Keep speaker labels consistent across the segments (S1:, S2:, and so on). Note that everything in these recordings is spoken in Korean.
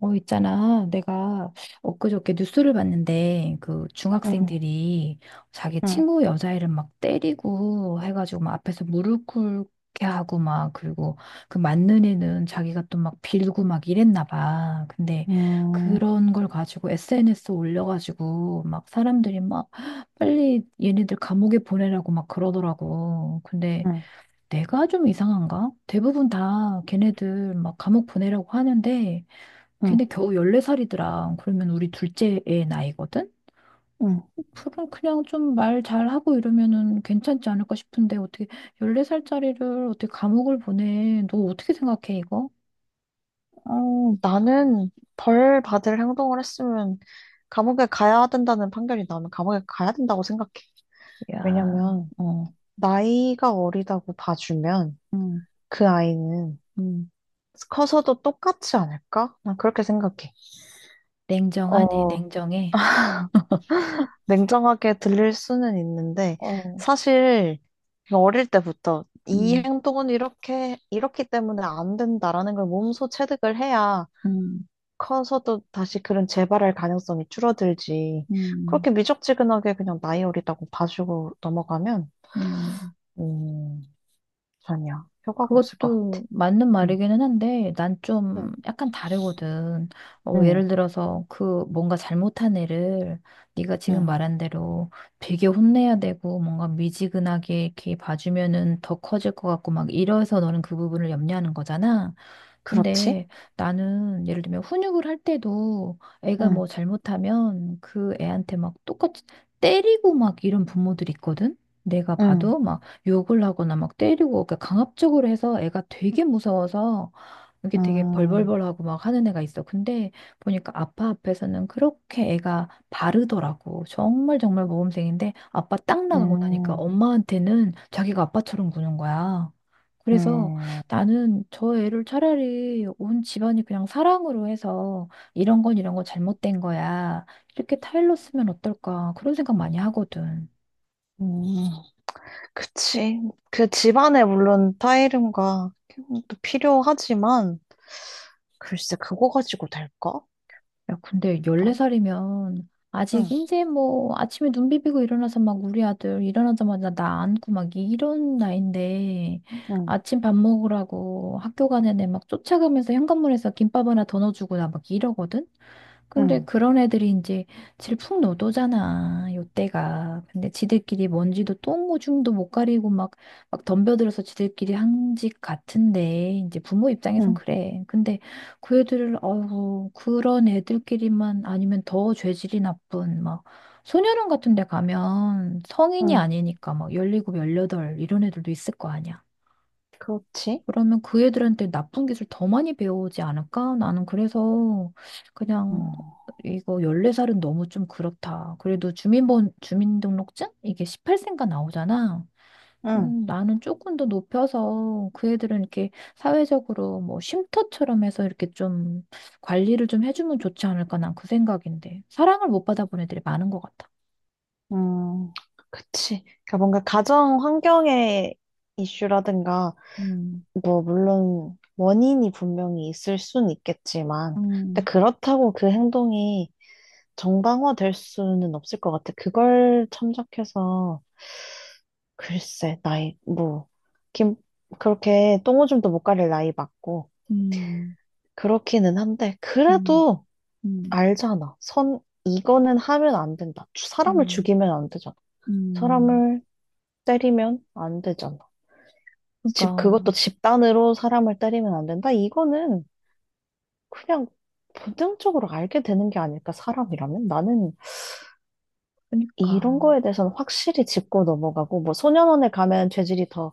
S1: 어, 있잖아. 내가 엊그저께 뉴스를 봤는데, 그
S2: 응,
S1: 중학생들이 자기
S2: 응,
S1: 친구 여자애를 막 때리고 해가지고 막 앞에서 무릎 꿇게 하고 막, 그리고 그 맞는 애는 자기가 또 막 빌고 막 이랬나 봐. 근데
S2: 응
S1: 그런 걸 가지고 SNS 올려가지고 막 사람들이 막 빨리 얘네들 감옥에 보내라고 막 그러더라고. 근데
S2: 응
S1: 내가 좀 이상한가? 대부분 다 걔네들 막 감옥 보내라고 하는데, 근데
S2: 응
S1: 겨우 14살이더라. 그러면 우리 둘째 애 나이거든?
S2: 응.
S1: 그럼 그냥 좀 말 잘하고 이러면은 괜찮지 않을까 싶은데 어떻게 14살짜리를 어떻게 감옥을 보내? 너 어떻게 생각해, 이거?
S2: 어, 나는 벌 받을 행동을 했으면 감옥에 가야 된다는 판결이 나오면 감옥에 가야 된다고 생각해.
S1: 야,
S2: 왜냐면
S1: 어,
S2: 나이가 어리다고 봐주면
S1: 음,
S2: 그 아이는
S1: 음.
S2: 커서도 똑같지 않을까? 난 그렇게 생각해.
S1: 냉정하네,
S2: 어,
S1: 냉정해.
S2: 냉정하게 들릴 수는 있는데
S1: 어,
S2: 사실 어릴 때부터 이
S1: 음,
S2: 행동은 이렇게, 이렇기 때문에 안 된다라는 걸 몸소 체득을 해야
S1: 음,
S2: 커서도 다시 그런 재발할 가능성이 줄어들지.
S1: 음,
S2: 그렇게 미적지근하게 그냥 나이 어리다고 봐주고 넘어가면,
S1: 음.
S2: 음, 전혀 효과가 없을 것
S1: 그것도
S2: 같아.
S1: 맞는
S2: 응,
S1: 말이기는 한데, 난
S2: 응.
S1: 좀 약간 다르거든. 어,
S2: 응,
S1: 예를 들어서 그 뭔가 잘못한 애를 네가 지금
S2: 응.
S1: 말한 대로 되게 혼내야 되고 뭔가 미지근하게 이렇게 봐주면은 더 커질 것 같고 막 이래서 너는 그 부분을 염려하는 거잖아.
S2: 그렇지?
S1: 근데 나는 예를 들면 훈육을 할 때도 애가
S2: 응,
S1: 뭐 잘못하면 그 애한테 막 똑같이 때리고 막 이런 부모들 있거든? 내가
S2: 응,
S1: 봐도 막 욕을 하거나 막 때리고 그러니까 강압적으로 해서 애가 되게 무서워서 이게 되게
S2: 음,
S1: 벌벌벌하고 막 하는 애가 있어. 근데 보니까 아빠 앞에서는 그렇게 애가 바르더라고. 정말 정말 모범생인데 아빠 딱 나가고 나니까
S2: 음,
S1: 엄마한테는 자기가 아빠처럼 구는 거야. 그래서
S2: 음,
S1: 나는 저 애를 차라리 온 집안이 그냥 사랑으로 해서 이런 건 이런 건 잘못된 거야. 이렇게 타일로 쓰면 어떨까? 그런 생각 많이 하거든.
S2: 음. 그치. 그 집안에 물론 타이름과 또 필요하지만, 글쎄, 그거 가지고 될까?
S1: 야, 근데
S2: 나,
S1: 14살이면 아직
S2: 응,
S1: 이제 뭐 아침에 눈 비비고 일어나서 막 우리 아들 일어나자마자 나 안고 막 이런 나이인데
S2: 응,
S1: 아침 밥 먹으라고 학교 가는 애 막 쫓아가면서 현관문에서 김밥 하나 더 넣어주고 나 막 이러거든? 근데
S2: 응,
S1: 그런 애들이 이제 질풍노도잖아, 요때가. 근데 지들끼리 먼지도 똥오줌도 못 가리고 막, 막 덤벼들어서 지들끼리 한 짓 같은데, 이제 부모 입장에선
S2: 응,
S1: 그래. 근데 그 애들을, 어우, 그런 애들끼리만 아니면 더 죄질이 나쁜, 막, 소년원 같은 데 가면 성인이
S2: 응.
S1: 아니니까 막 17, 18 이런 애들도 있을 거 아니야.
S2: 그렇지?
S1: 그러면 그 애들한테 나쁜 기술 더 많이 배우지 않을까? 나는 그래서 그냥
S2: 음.
S1: 이거 14살은 너무 좀 그렇다. 그래도 주민등록증? 이게 18세인가 나오잖아.
S2: 응,
S1: 나는 조금 더 높여서 그 애들은 이렇게 사회적으로 뭐 쉼터처럼 해서 이렇게 좀 관리를 좀 해주면 좋지 않을까? 난 그 생각인데. 사랑을 못 받아본 애들이 많은 것 같아.
S2: 음, 그치. 그러니까 뭔가 가정 환경의 이슈라든가,
S1: 음,
S2: 뭐, 물론 원인이 분명히 있을 순 있겠지만, 근데
S1: 음,
S2: 그렇다고 그 행동이 정당화될 수는 없을 것 같아. 그걸 참작해서, 글쎄, 나이, 뭐, 김, 그렇게 똥오줌도 못 가릴 나이 맞고,
S1: 음,
S2: 그렇기는 한데,
S1: 음,
S2: 그래도
S1: 음,
S2: 알잖아. 선, 이거는 하면 안 된다. 사람을
S1: 음,
S2: 죽이면 안 되잖아.
S1: 음.
S2: 사람을 때리면 안 되잖아. 집,
S1: 그러니까.
S2: 그것도 집단으로 사람을 때리면 안 된다? 이거는 그냥 본능적으로 알게 되는 게 아닐까, 사람이라면? 나는 이런
S1: 그러니까.
S2: 거에 대해서는 확실히 짚고 넘어가고, 뭐, 소년원에 가면 죄질이 더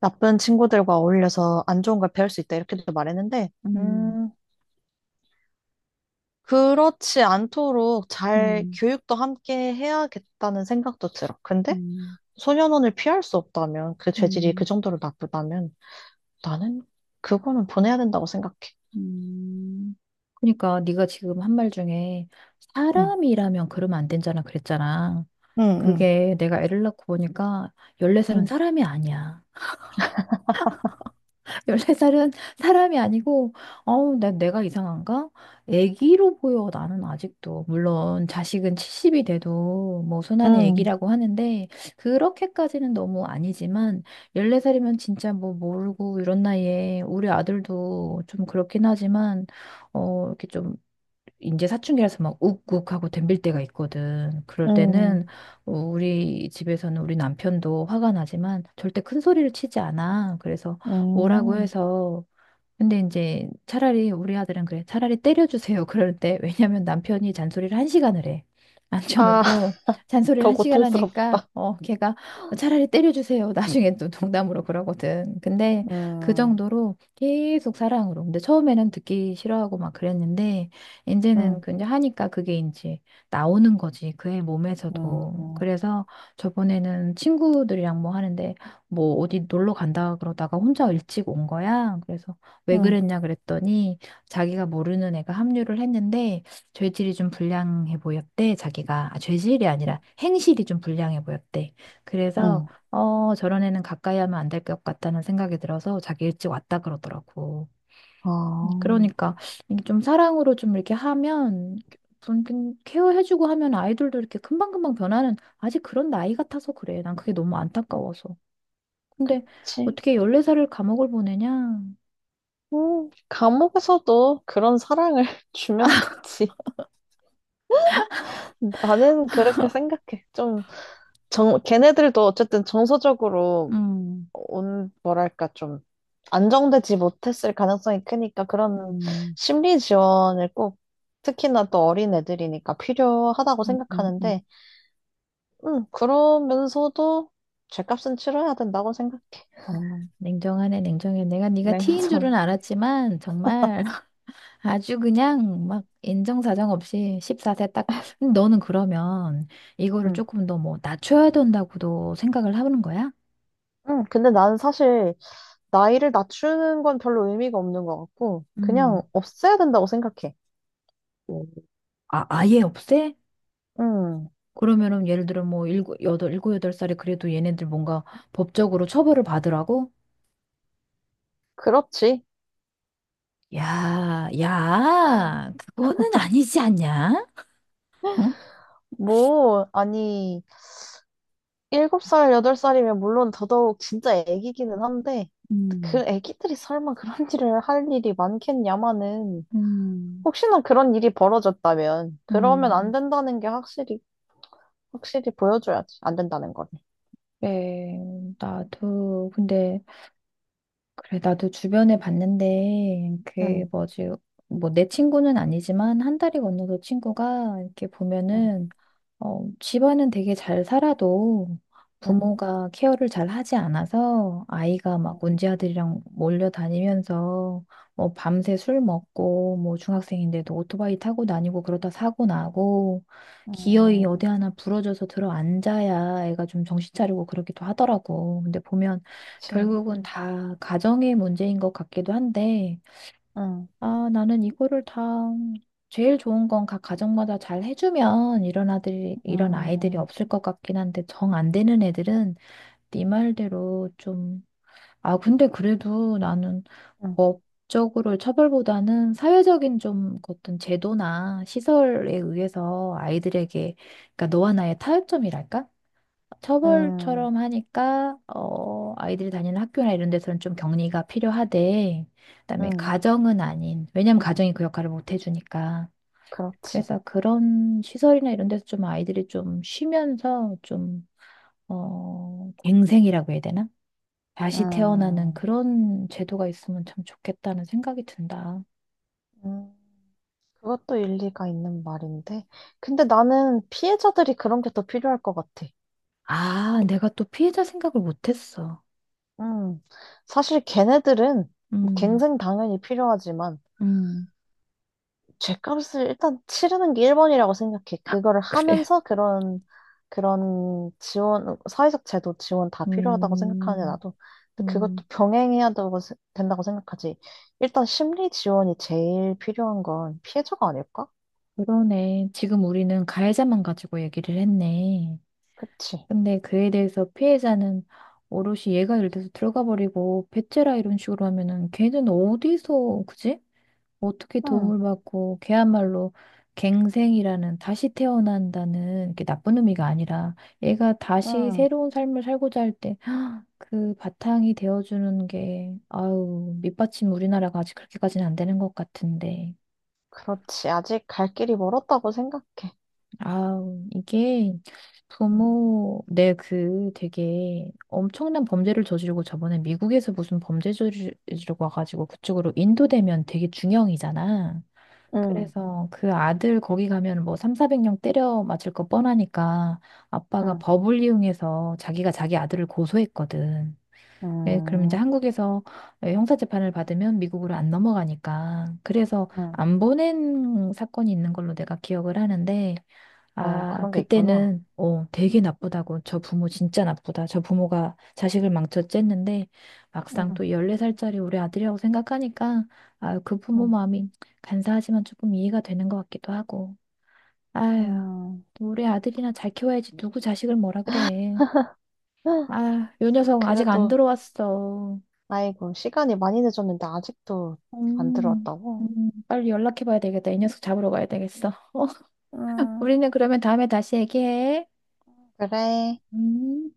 S2: 나쁜 친구들과 어울려서 안 좋은 걸 배울 수 있다, 이렇게도 말했는데,
S1: 음,
S2: 음, 그렇지 않도록 잘
S1: 음,
S2: 교육도 함께 해야겠다는 생각도 들어. 근데
S1: 음,
S2: 소년원을 피할 수 없다면, 그 죄질이 그
S1: 음,
S2: 정도로 나쁘다면, 나는 그거는 보내야 된다고 생각해.
S1: 음. 그러니까 네가 지금 한 말 중에
S2: 응,
S1: 사람이라면 그러면 안 된잖아 그랬잖아.
S2: 응,
S1: 그게 내가 애를 낳고 보니까 14살은
S2: 응,
S1: 사람이 아니야. 1네살은 사람이 아니고, 어우, 나, 내가 이상한가? 애기로 보여, 나는 아직도. 물론, 자식은 70이 돼도, 뭐, 손안의
S2: 응,
S1: 애기라고 하는데, 그렇게까지는 너무 아니지만, 14살이면 진짜 뭐, 모르고, 이런 나이에, 우리 아들도 좀 그렇긴 하지만, 어, 이렇게 좀 이제 사춘기라서 막 욱욱하고 덤빌 때가 있거든. 그럴 때는
S2: 응,
S1: 어, 우리 집에서는 우리 남편도 화가 나지만 절대 큰 소리를 치지 않아. 그래서 뭐라고
S2: 응,
S1: 해서 근데 이제 차라리 우리 아들은 그래. 차라리 때려주세요. 그럴 때. 왜냐면 남편이 잔소리를 한 시간을 해.
S2: 아,
S1: 앉혀놓고 잔소리를
S2: 더
S1: 한 시간 하니까
S2: 고통스럽다.
S1: 어 걔가 "어, 차라리 때려주세요. 나중에 또 농담으로 그러거든. 근데 그
S2: 응,
S1: 정도로 계속 사랑으로. 근데 처음에는 듣기 싫어하고 막 그랬는데 이제는
S2: 응,
S1: 그냥 하니까 그게 이제 나오는 거지. 그의
S2: 응,
S1: 몸에서도. 그래서 저번에는 친구들이랑 뭐 하는데 뭐 어디 놀러 간다 그러다가 혼자 일찍 온 거야. 그래서 왜
S2: 응,
S1: 그랬냐 그랬더니 자기가 모르는 애가 합류를 했는데 죄질이 좀 불량해 보였대. 자기가 아, 죄질이 아니라 행실이 좀 불량해 보였대. 그래서
S2: 응,
S1: 어 저런 애는 가까이 하면 안 될 것 같다는 생각이 들어서 자기 일찍 왔다 그러더라고.
S2: 아
S1: 그러니까 이게 좀 사랑으로 좀 이렇게 하면 좀 이렇게 케어해주고 하면 아이들도 이렇게 금방금방 변하는 아직 그런 나이 같아서 그래. 난 그게 너무 안타까워서. 근데
S2: 그치?
S1: 어떻게 14살을 감옥을 보내냐?
S2: 감옥에서도 그런 사랑을 주면 되지. 나는 그렇게 생각해. 좀, 정, 걔네들도 어쨌든 정서적으로
S1: 음,
S2: 온, 뭐랄까, 좀, 안정되지 못했을 가능성이 크니까 그런
S1: 음.
S2: 심리 지원을 꼭, 특히나 또 어린 애들이니까 필요하다고
S1: 음, 음, 음.
S2: 생각하는데, 그러면서도 죄값은 치러야 된다고 생각해.
S1: 아, 냉정하네, 냉정해. 내가 네가 티인
S2: 냉정.
S1: 줄은 알았지만 정말 아주 그냥 막 인정사정 없이 14세 딱. 근데 너는 그러면 이거를
S2: 음.
S1: 조금 더 뭐 낮춰야 된다고도 생각을 하는 거야?
S2: 근데 나는 사실 나이를 낮추는 건 별로 의미가 없는 것 같고, 그냥
S1: 음.
S2: 없애야 된다고 생각해.
S1: 오. 아, 아예 없애?
S2: 음,
S1: 그러면은 예를 들어 뭐 일곱, 여덟, 일곱, 여덟 살이 그래도 얘네들 뭔가 법적으로 처벌을 받으라고?
S2: 그렇지.
S1: 야, 야, 그거는 아니지 않냐? 응?
S2: 뭐, 아니. 일곱 살 여덟 살이면 물론 더더욱 진짜 애기기는 한데, 그
S1: 음,
S2: 애기들이 설마 그런 일을 할 일이 많겠냐마는,
S1: 음,
S2: 혹시나 그런 일이 벌어졌다면, 그러면 안
S1: 음.
S2: 된다는 게 확실히, 확실히 보여줘야지. 안 된다는 거를.
S1: 네, 나도, 근데, 그래, 나도 주변에 봤는데, 그,
S2: 응,
S1: 뭐지, 뭐, 내 친구는 아니지만, 한 달이 건너서 친구가, 이렇게
S2: 응,
S1: 보면은, 어, 집안은 되게 잘 살아도
S2: 응,
S1: 부모가 케어를 잘 하지 않아서 아이가 막
S2: 응,
S1: 문제 아들이랑 몰려다니면서 뭐 밤새 술 먹고 뭐 중학생인데도 오토바이 타고 다니고 그러다 사고 나고 기어이
S2: 응,
S1: 어디 하나 부러져서 들어 앉아야 애가 좀 정신 차리고 그러기도 하더라고. 근데 보면
S2: 그치.
S1: 결국은 다 가정의 문제인 것 같기도 한데
S2: 응,
S1: 아, 나는 이거를 다 제일 좋은 건 각 가정마다 잘 해주면 이런 아이들이
S2: 응,
S1: 없을 것 같긴 한데 정 안 되는 애들은 네 말대로 좀, 아, 근데 그래도 나는
S2: 응,
S1: 법적으로 처벌보다는 사회적인 좀 어떤 제도나 시설에 의해서 아이들에게, 그러니까 너와 나의 타협점이랄까?
S2: 응,
S1: 처벌처럼 하니까 어, 아이들이 다니는 학교나 이런 데서는 좀 격리가 필요하대. 그다음에
S2: 응,
S1: 가정은 아닌. 왜냐면 가정이 그 역할을 못 해주니까.
S2: 그렇지.
S1: 그래서 그런 시설이나 이런 데서 좀 아이들이 좀 쉬면서 좀 어, 갱생이라고 해야 되나? 다시 태어나는
S2: 응,
S1: 그런 제도가 있으면 참 좋겠다는 생각이 든다.
S2: 응. 그것도 일리가 있는 말인데. 근데 나는 피해자들이 그런 게 더 필요할 것 같아.
S1: 아, 내가 또 피해자 생각을 못했어.
S2: 음, 사실 걔네들은 뭐
S1: 음,
S2: 갱생 당연히 필요하지만
S1: 음,
S2: 죗값을 일단 치르는 게 1번이라고 생각해. 그거를
S1: 그래.
S2: 하면서 그런 지원, 사회적 제도 지원 다 필요하다고 생각하는데
S1: 음,
S2: 나도 근데
S1: 음.
S2: 그것도 병행해야 되고, 세- 된다고 생각하지. 일단 심리 지원이 제일 필요한 건 피해자가 아닐까?
S1: 그러네. 지금 우리는 가해자만 가지고 얘기를 했네.
S2: 그치?
S1: 근데 그에 대해서 피해자는 오롯이 얘가 예를 들어서 들어가 버리고 배째라 이런 식으로 하면은 걔는 어디서 그지? 어떻게
S2: 응,
S1: 도움을 받고 걔야말로 갱생이라는 다시 태어난다는 이게 나쁜 의미가 아니라 얘가 다시
S2: 응,
S1: 새로운 삶을 살고자 할 때 그 바탕이 되어주는 게 아유 밑받침 우리나라가 아직 그렇게까지는 안 되는 것 같은데.
S2: 그렇지. 아직 갈 길이 멀었다고 생각해.
S1: 아우, 이게
S2: 응,
S1: 부모, 내 그 되게 엄청난 범죄를 저지르고 저번에 미국에서 무슨 범죄 저지르고 와가지고 그쪽으로 인도되면 되게 중형이잖아.
S2: 응,
S1: 그래서 그 아들 거기 가면 뭐 3, 400명 때려 맞을 거 뻔하니까 아빠가
S2: 응,
S1: 법을 이용해서 자기가 자기 아들을 고소했거든. 예, 그럼 이제
S2: 응,
S1: 한국에서 예, 형사재판을 받으면 미국으로 안 넘어가니까. 그래서
S2: 응.
S1: 안 보낸 사건이 있는 걸로 내가 기억을 하는데
S2: 어,
S1: 아,
S2: 그런 게 있구나.
S1: 그때는, 어, 되게 나쁘다고. 저 부모 진짜 나쁘다. 저 부모가 자식을 망쳤쨌는데, 막상
S2: 응,
S1: 또 14살짜리 우리 아들이라고 생각하니까, 아 그 부모
S2: 응,
S1: 마음이 간사하지만 조금 이해가 되는 것 같기도 하고. 아유,
S2: 응.
S1: 우리 아들이나 잘 키워야지. 누구 자식을 뭐라 그래. 아, 요 녀석 아직 안
S2: 그래도,
S1: 들어왔어.
S2: 아이고, 시간이 많이 늦었는데 아직도 안
S1: 음,
S2: 들어왔다고?
S1: 빨리 연락해봐야 되겠다. 이 녀석 잡으러 가야 되겠어.
S2: 음,
S1: 우리는 그러면 다음에 다시 얘기해.
S2: 그래.
S1: 음.